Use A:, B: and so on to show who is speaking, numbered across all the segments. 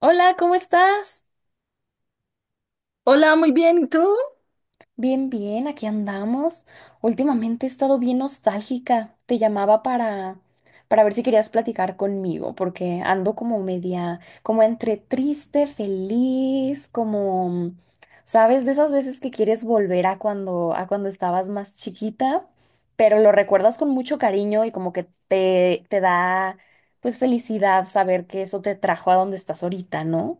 A: Hola, ¿cómo estás?
B: Hola, muy bien, ¿y tú?
A: Bien, bien, aquí andamos. Últimamente he estado bien nostálgica. Te llamaba para ver si querías platicar conmigo, porque ando como media, como entre triste, feliz, como, ¿sabes? De esas veces que quieres volver a cuando estabas más chiquita, pero lo recuerdas con mucho cariño y como que te da pues felicidad saber que eso te trajo a donde estás ahorita, ¿no?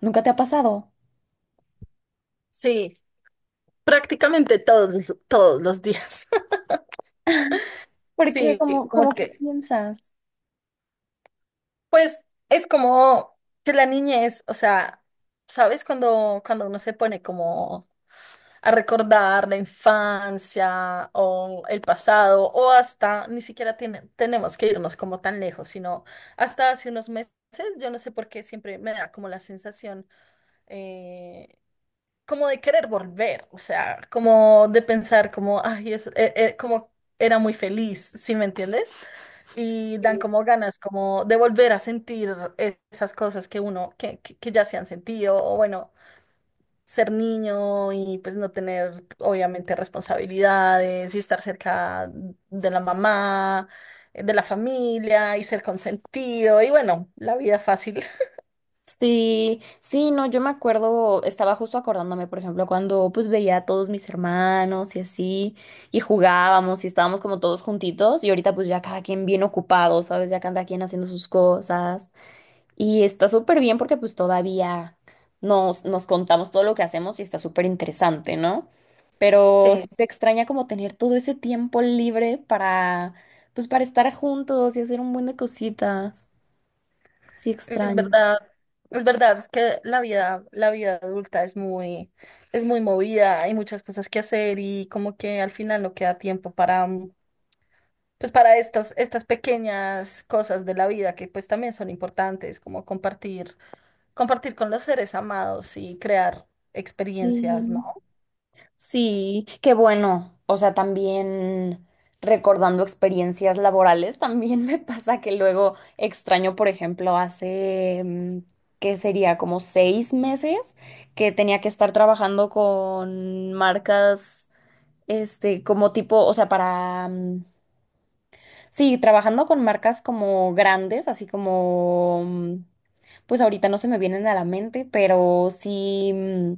A: ¿Nunca te ha pasado?
B: Sí, prácticamente todos los días.
A: ¿Por qué?
B: Sí,
A: ¿Cómo,
B: como
A: cómo qué
B: que,
A: piensas?
B: pues es como que la niñez, o sea, ¿sabes? Cuando uno se pone como a recordar la infancia o el pasado o hasta, ni siquiera tenemos que irnos como tan lejos, sino hasta hace unos meses. Yo no sé por qué siempre me da como la sensación, eh, como de querer volver, o sea, como de pensar como, ay, como era muy feliz, ¿sí me entiendes? Y dan
A: Sí,
B: como ganas como de volver a sentir esas cosas que uno, que ya se han sentido. O bueno, ser niño y pues no tener obviamente responsabilidades y estar cerca de la mamá, de la familia y ser consentido y bueno, la vida fácil.
A: sí, sí, no, yo me acuerdo, estaba justo acordándome, por ejemplo, cuando pues veía a todos mis hermanos y así, y jugábamos y estábamos como todos juntitos, y ahorita pues ya cada quien bien ocupado, ¿sabes? Ya cada quien haciendo sus cosas, y está súper bien porque pues todavía nos contamos todo lo que hacemos y está súper interesante, ¿no? Pero sí
B: Sí.
A: se extraña como tener todo ese tiempo libre para, pues para estar juntos y hacer un buen de cositas. Sí,
B: Es
A: extraño.
B: verdad, es verdad, es que la vida adulta es muy movida. Hay muchas cosas que hacer y como que al final no queda tiempo para, pues para estas, pequeñas cosas de la vida que pues también son importantes, como compartir, compartir con los seres amados y crear experiencias, ¿no?
A: Sí, sí, qué bueno. O sea, también recordando experiencias laborales, también me pasa que luego extraño, por ejemplo, hace, ¿qué sería? Como seis meses que tenía que estar trabajando con marcas, este, como tipo, o sea, para, sí, trabajando con marcas como grandes, así como, pues ahorita no se me vienen a la mente, pero sí.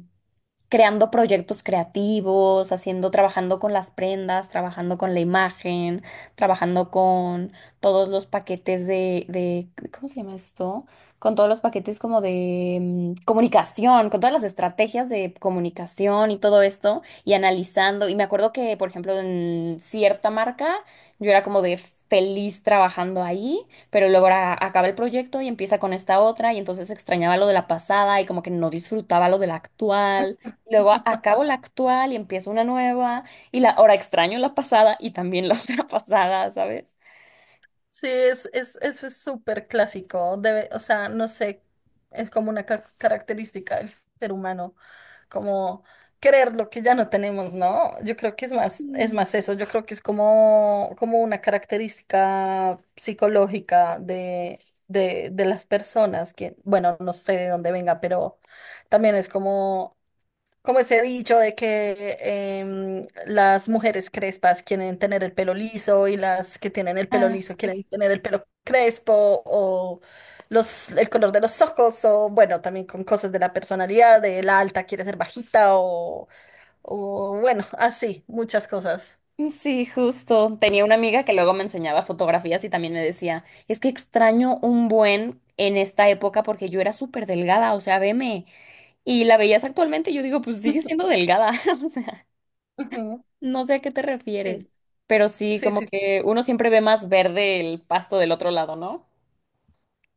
A: Creando proyectos creativos, haciendo, trabajando con las prendas, trabajando con la imagen, trabajando con todos los paquetes de, ¿cómo se llama esto? Con todos los paquetes como de comunicación, con todas las estrategias de comunicación y todo esto, y analizando. Y me acuerdo que, por ejemplo, en cierta marca, yo era como de feliz trabajando ahí, pero luego acaba el proyecto y empieza con esta otra, y entonces extrañaba lo de la pasada y como que no disfrutaba lo de la actual. Luego acabo la actual y empiezo una nueva y la ahora extraño la pasada y también la otra pasada, ¿sabes?
B: Sí, eso es súper clásico, debe, o sea, no sé, es como una característica del ser humano como querer lo que ya no tenemos, ¿no? Yo creo que es
A: Sí.
B: más eso, yo creo que es como una característica psicológica de las personas, que, bueno, no sé de dónde venga, pero también es como ese dicho de que las mujeres crespas quieren tener el pelo liso y las que tienen el pelo
A: Ah,
B: liso quieren
A: sí.
B: tener el pelo crespo o el color de los ojos, o bueno, también con cosas de la personalidad, de la alta quiere ser bajita, o bueno, así, muchas cosas.
A: Sí, justo. Tenía una amiga que luego me enseñaba fotografías y también me decía, es que extraño un buen en esta época porque yo era súper delgada, o sea, veme. Y la veías actualmente y yo digo, pues sigue siendo
B: Ujú.
A: delgada, o sea,
B: Ujú.
A: no sé a qué te refieres. Pero sí,
B: Sí,
A: como
B: sí, sí,
A: que uno siempre ve más verde el pasto del otro lado, ¿no?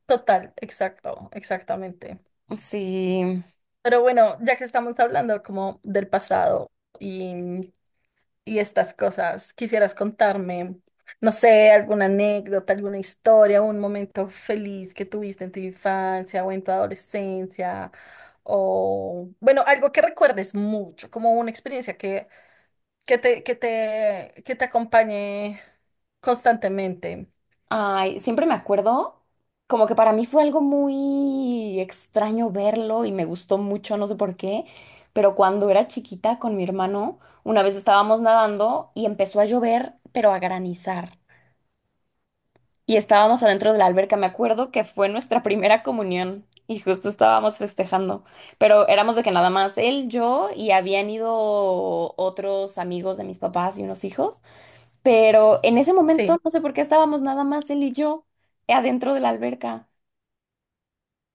B: total, exacto, exactamente.
A: Sí.
B: Pero bueno, ya que estamos hablando como del pasado y y estas cosas, ¿quisieras contarme, no sé, alguna anécdota, alguna historia, un momento feliz que tuviste en tu infancia o en tu adolescencia? O, bueno, algo que recuerdes mucho, como una experiencia que te acompañe constantemente.
A: Ay, siempre me acuerdo, como que para mí fue algo muy extraño verlo y me gustó mucho, no sé por qué, pero cuando era chiquita con mi hermano, una vez estábamos nadando y empezó a llover, pero a granizar. Y estábamos adentro de la alberca, me acuerdo que fue nuestra primera comunión y justo estábamos festejando, pero éramos de que nada más él, yo y habían ido otros amigos de mis papás y unos hijos. Pero en ese momento,
B: Sí.
A: no sé por qué estábamos nada más él y yo adentro de la alberca.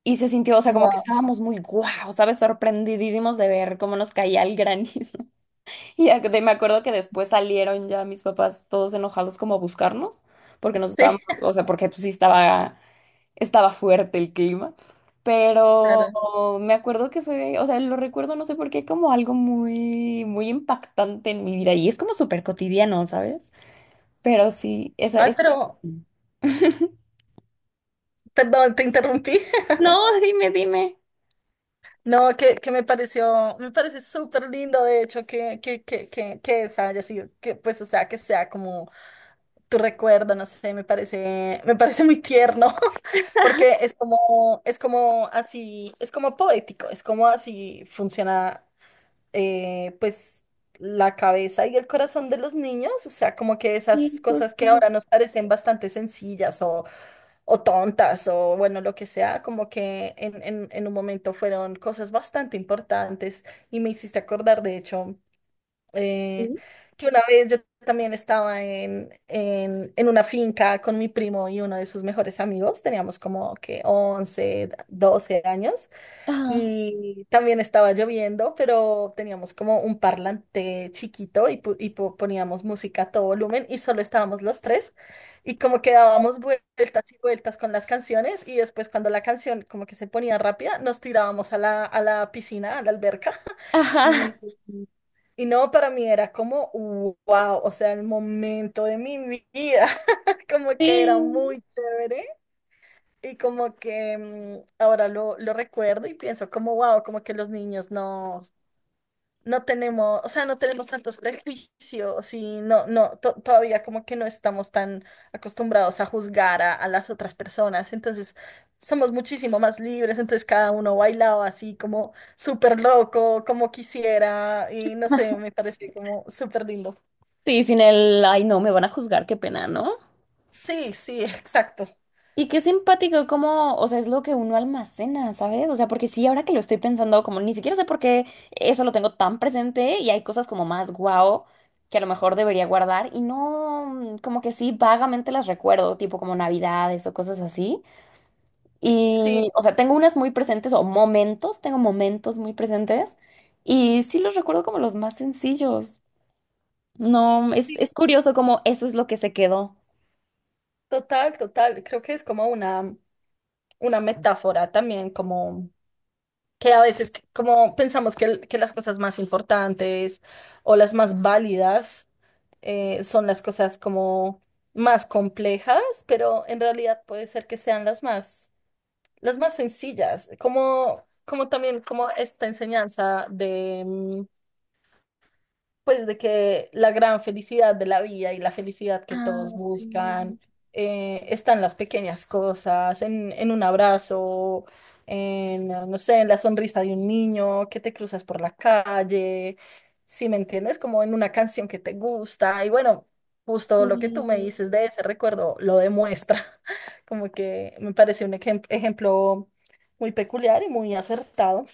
A: Y se sintió, o sea, como que
B: Wow.
A: estábamos muy guau, ¿sabes? Sorprendidísimos de ver cómo nos caía el granizo. Y me acuerdo que después salieron ya mis papás todos enojados como a buscarnos, porque nos
B: Sí,
A: estábamos, o sea, porque pues sí estaba, estaba fuerte el clima. Pero
B: claro.
A: me acuerdo que fue, o sea, lo recuerdo, no sé por qué, como algo muy, muy impactante en mi vida. Y es como súper cotidiano, ¿sabes? Pero sí, esa
B: Ay,
A: es…
B: pero, perdón, te interrumpí.
A: No, dime, dime.
B: No, me parece súper lindo, de hecho, que esa haya sido, que pues, o sea, que sea como tu recuerdo, no sé, me parece muy tierno, porque es como así, es como poético, es como así funciona, pues, la cabeza y el corazón de los niños, o sea, como que esas
A: Sí,
B: cosas que
A: justo.
B: ahora nos parecen bastante sencillas o tontas o bueno, lo que sea, como que en un momento fueron cosas bastante importantes. Y me hiciste acordar, de hecho, eh, que una vez yo también estaba en una finca con mi primo y uno de sus mejores amigos, teníamos como que 11 12 años.
A: Ajá.
B: Y también estaba lloviendo, pero teníamos como un parlante chiquito y, poníamos música a todo volumen y solo estábamos los tres, y como que dábamos vueltas y vueltas con las canciones, y después cuando la canción como que se ponía rápida nos tirábamos a la piscina, a la alberca.
A: Ajá.
B: y, y no, para mí era como wow, o sea, el momento de mi vida, como que era
A: Sí.
B: muy chévere. Y como que ahora lo recuerdo y pienso como, wow, como que los niños no tenemos, o sea, no tenemos tantos prejuicios y no, no, todavía como que no estamos tan acostumbrados a juzgar a las otras personas. Entonces, somos muchísimo más libres, entonces cada uno bailaba así como súper loco, como quisiera, y no sé, me parece como súper lindo.
A: Sí, sin el, ay, no, me van a juzgar, qué pena, ¿no?
B: Sí, sí, exacto.
A: Y qué simpático, como, o sea, es lo que uno almacena, ¿sabes? O sea, porque sí, ahora que lo estoy pensando, como ni siquiera sé por qué eso lo tengo tan presente y hay cosas como más guau que a lo mejor debería guardar y no, como que sí, vagamente las recuerdo, tipo como navidades o cosas así.
B: Sí,
A: Y, o sea, tengo unas muy presentes o momentos, tengo momentos muy presentes y sí los recuerdo como los más sencillos. No, es curioso como eso es lo que se quedó.
B: total, total. Creo que es como una metáfora también como que a veces como pensamos que, que las cosas más importantes o las más válidas, son las cosas como más complejas, pero en realidad puede ser que sean las más sencillas, como, también como esta enseñanza, pues de que la gran felicidad de la vida y la felicidad que
A: Ah,
B: todos
A: sí.
B: buscan, está en las pequeñas cosas, en un abrazo, en, no sé, en la sonrisa de un niño que te cruzas por la calle, si me entiendes, como en una canción que te gusta. Y bueno, justo lo que tú
A: Sí,
B: me dices de ese recuerdo lo demuestra, como que me parece un ejemplo muy peculiar y muy acertado.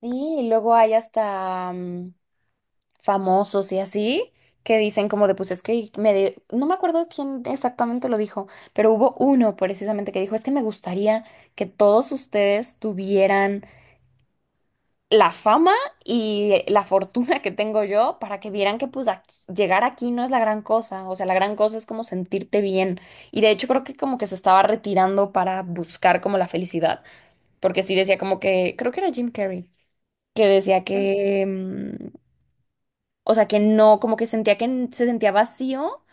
A: sí, y luego hay hasta famosos y así que dicen como de pues es que no me acuerdo quién exactamente lo dijo, pero hubo uno precisamente que dijo es que me gustaría que todos ustedes tuvieran la fama y la fortuna que tengo yo para que vieran que pues llegar aquí no es la gran cosa, o sea, la gran cosa es como sentirte bien. Y de hecho creo que como que se estaba retirando para buscar como la felicidad, porque sí decía como que, creo que era Jim Carrey, que decía
B: Mm,
A: que, o sea, que no, como que sentía que se sentía vacío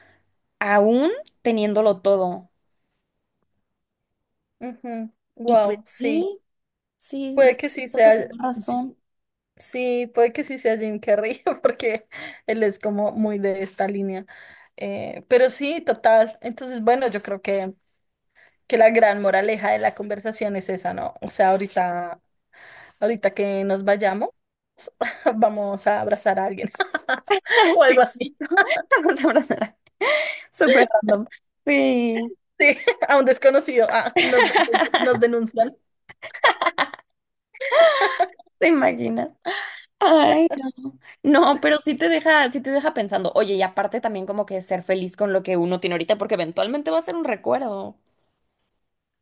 A: aún teniéndolo todo.
B: ujú.
A: Y pues
B: Wow, sí.
A: sí, sí,
B: Puede que sí
A: siento que
B: sea.
A: tengo razón.
B: Sí, puede que sí sea Jim Carrey, porque él es como muy de esta línea. Pero sí, total. Entonces, bueno, yo creo que la gran moraleja de la conversación es esa, ¿no? O sea, ahorita que nos vayamos, vamos a abrazar a alguien o algo
A: Sí,
B: así.
A: vamos a abrazar. Súper random. Sí.
B: Sí, a un desconocido. Ah, nos denuncian.
A: ¿Te imaginas? Ay, no. No, pero sí te deja pensando. Oye, y aparte también como que ser feliz con lo que uno tiene ahorita, porque eventualmente va a ser un recuerdo,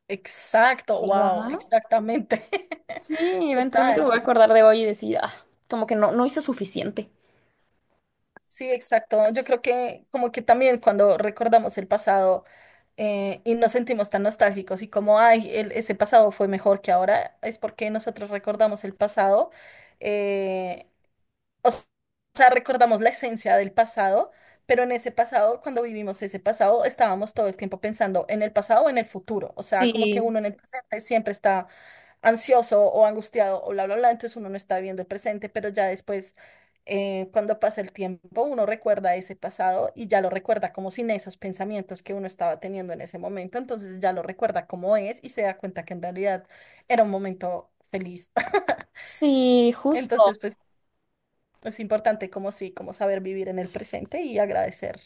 B: Exacto, wow,
A: ¿verdad?
B: exactamente.
A: Sí, eventualmente me
B: Total.
A: voy a acordar de hoy y decir, ah, como que no, no hice suficiente.
B: Sí, exacto. Yo creo que como que también cuando recordamos el pasado, y nos sentimos tan nostálgicos y como, ay, ese pasado fue mejor que ahora, es porque nosotros recordamos el pasado, eh, o s- o sea, recordamos la esencia del pasado, pero en ese pasado, cuando vivimos ese pasado, estábamos todo el tiempo pensando en el pasado o en el futuro. O sea, como que
A: Sí.
B: uno en el presente siempre está ansioso o angustiado o bla, bla, bla, entonces uno no está viviendo el presente, pero ya después, cuando pasa el tiempo, uno recuerda ese pasado y ya lo recuerda como sin esos pensamientos que uno estaba teniendo en ese momento, entonces ya lo recuerda como es y se da cuenta que en realidad era un momento feliz.
A: Sí, justo.
B: Entonces, pues es importante como sí, como saber vivir en el presente y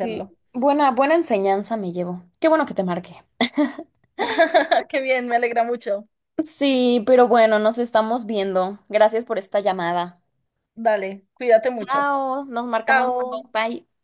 A: Sí. Buena, buena enseñanza me llevo. Qué bueno que te marqué.
B: Qué bien, me alegra mucho.
A: Sí, pero bueno, nos estamos viendo. Gracias por esta llamada.
B: Dale, cuídate mucho.
A: Chao, nos marcamos.
B: Chao.
A: Bye.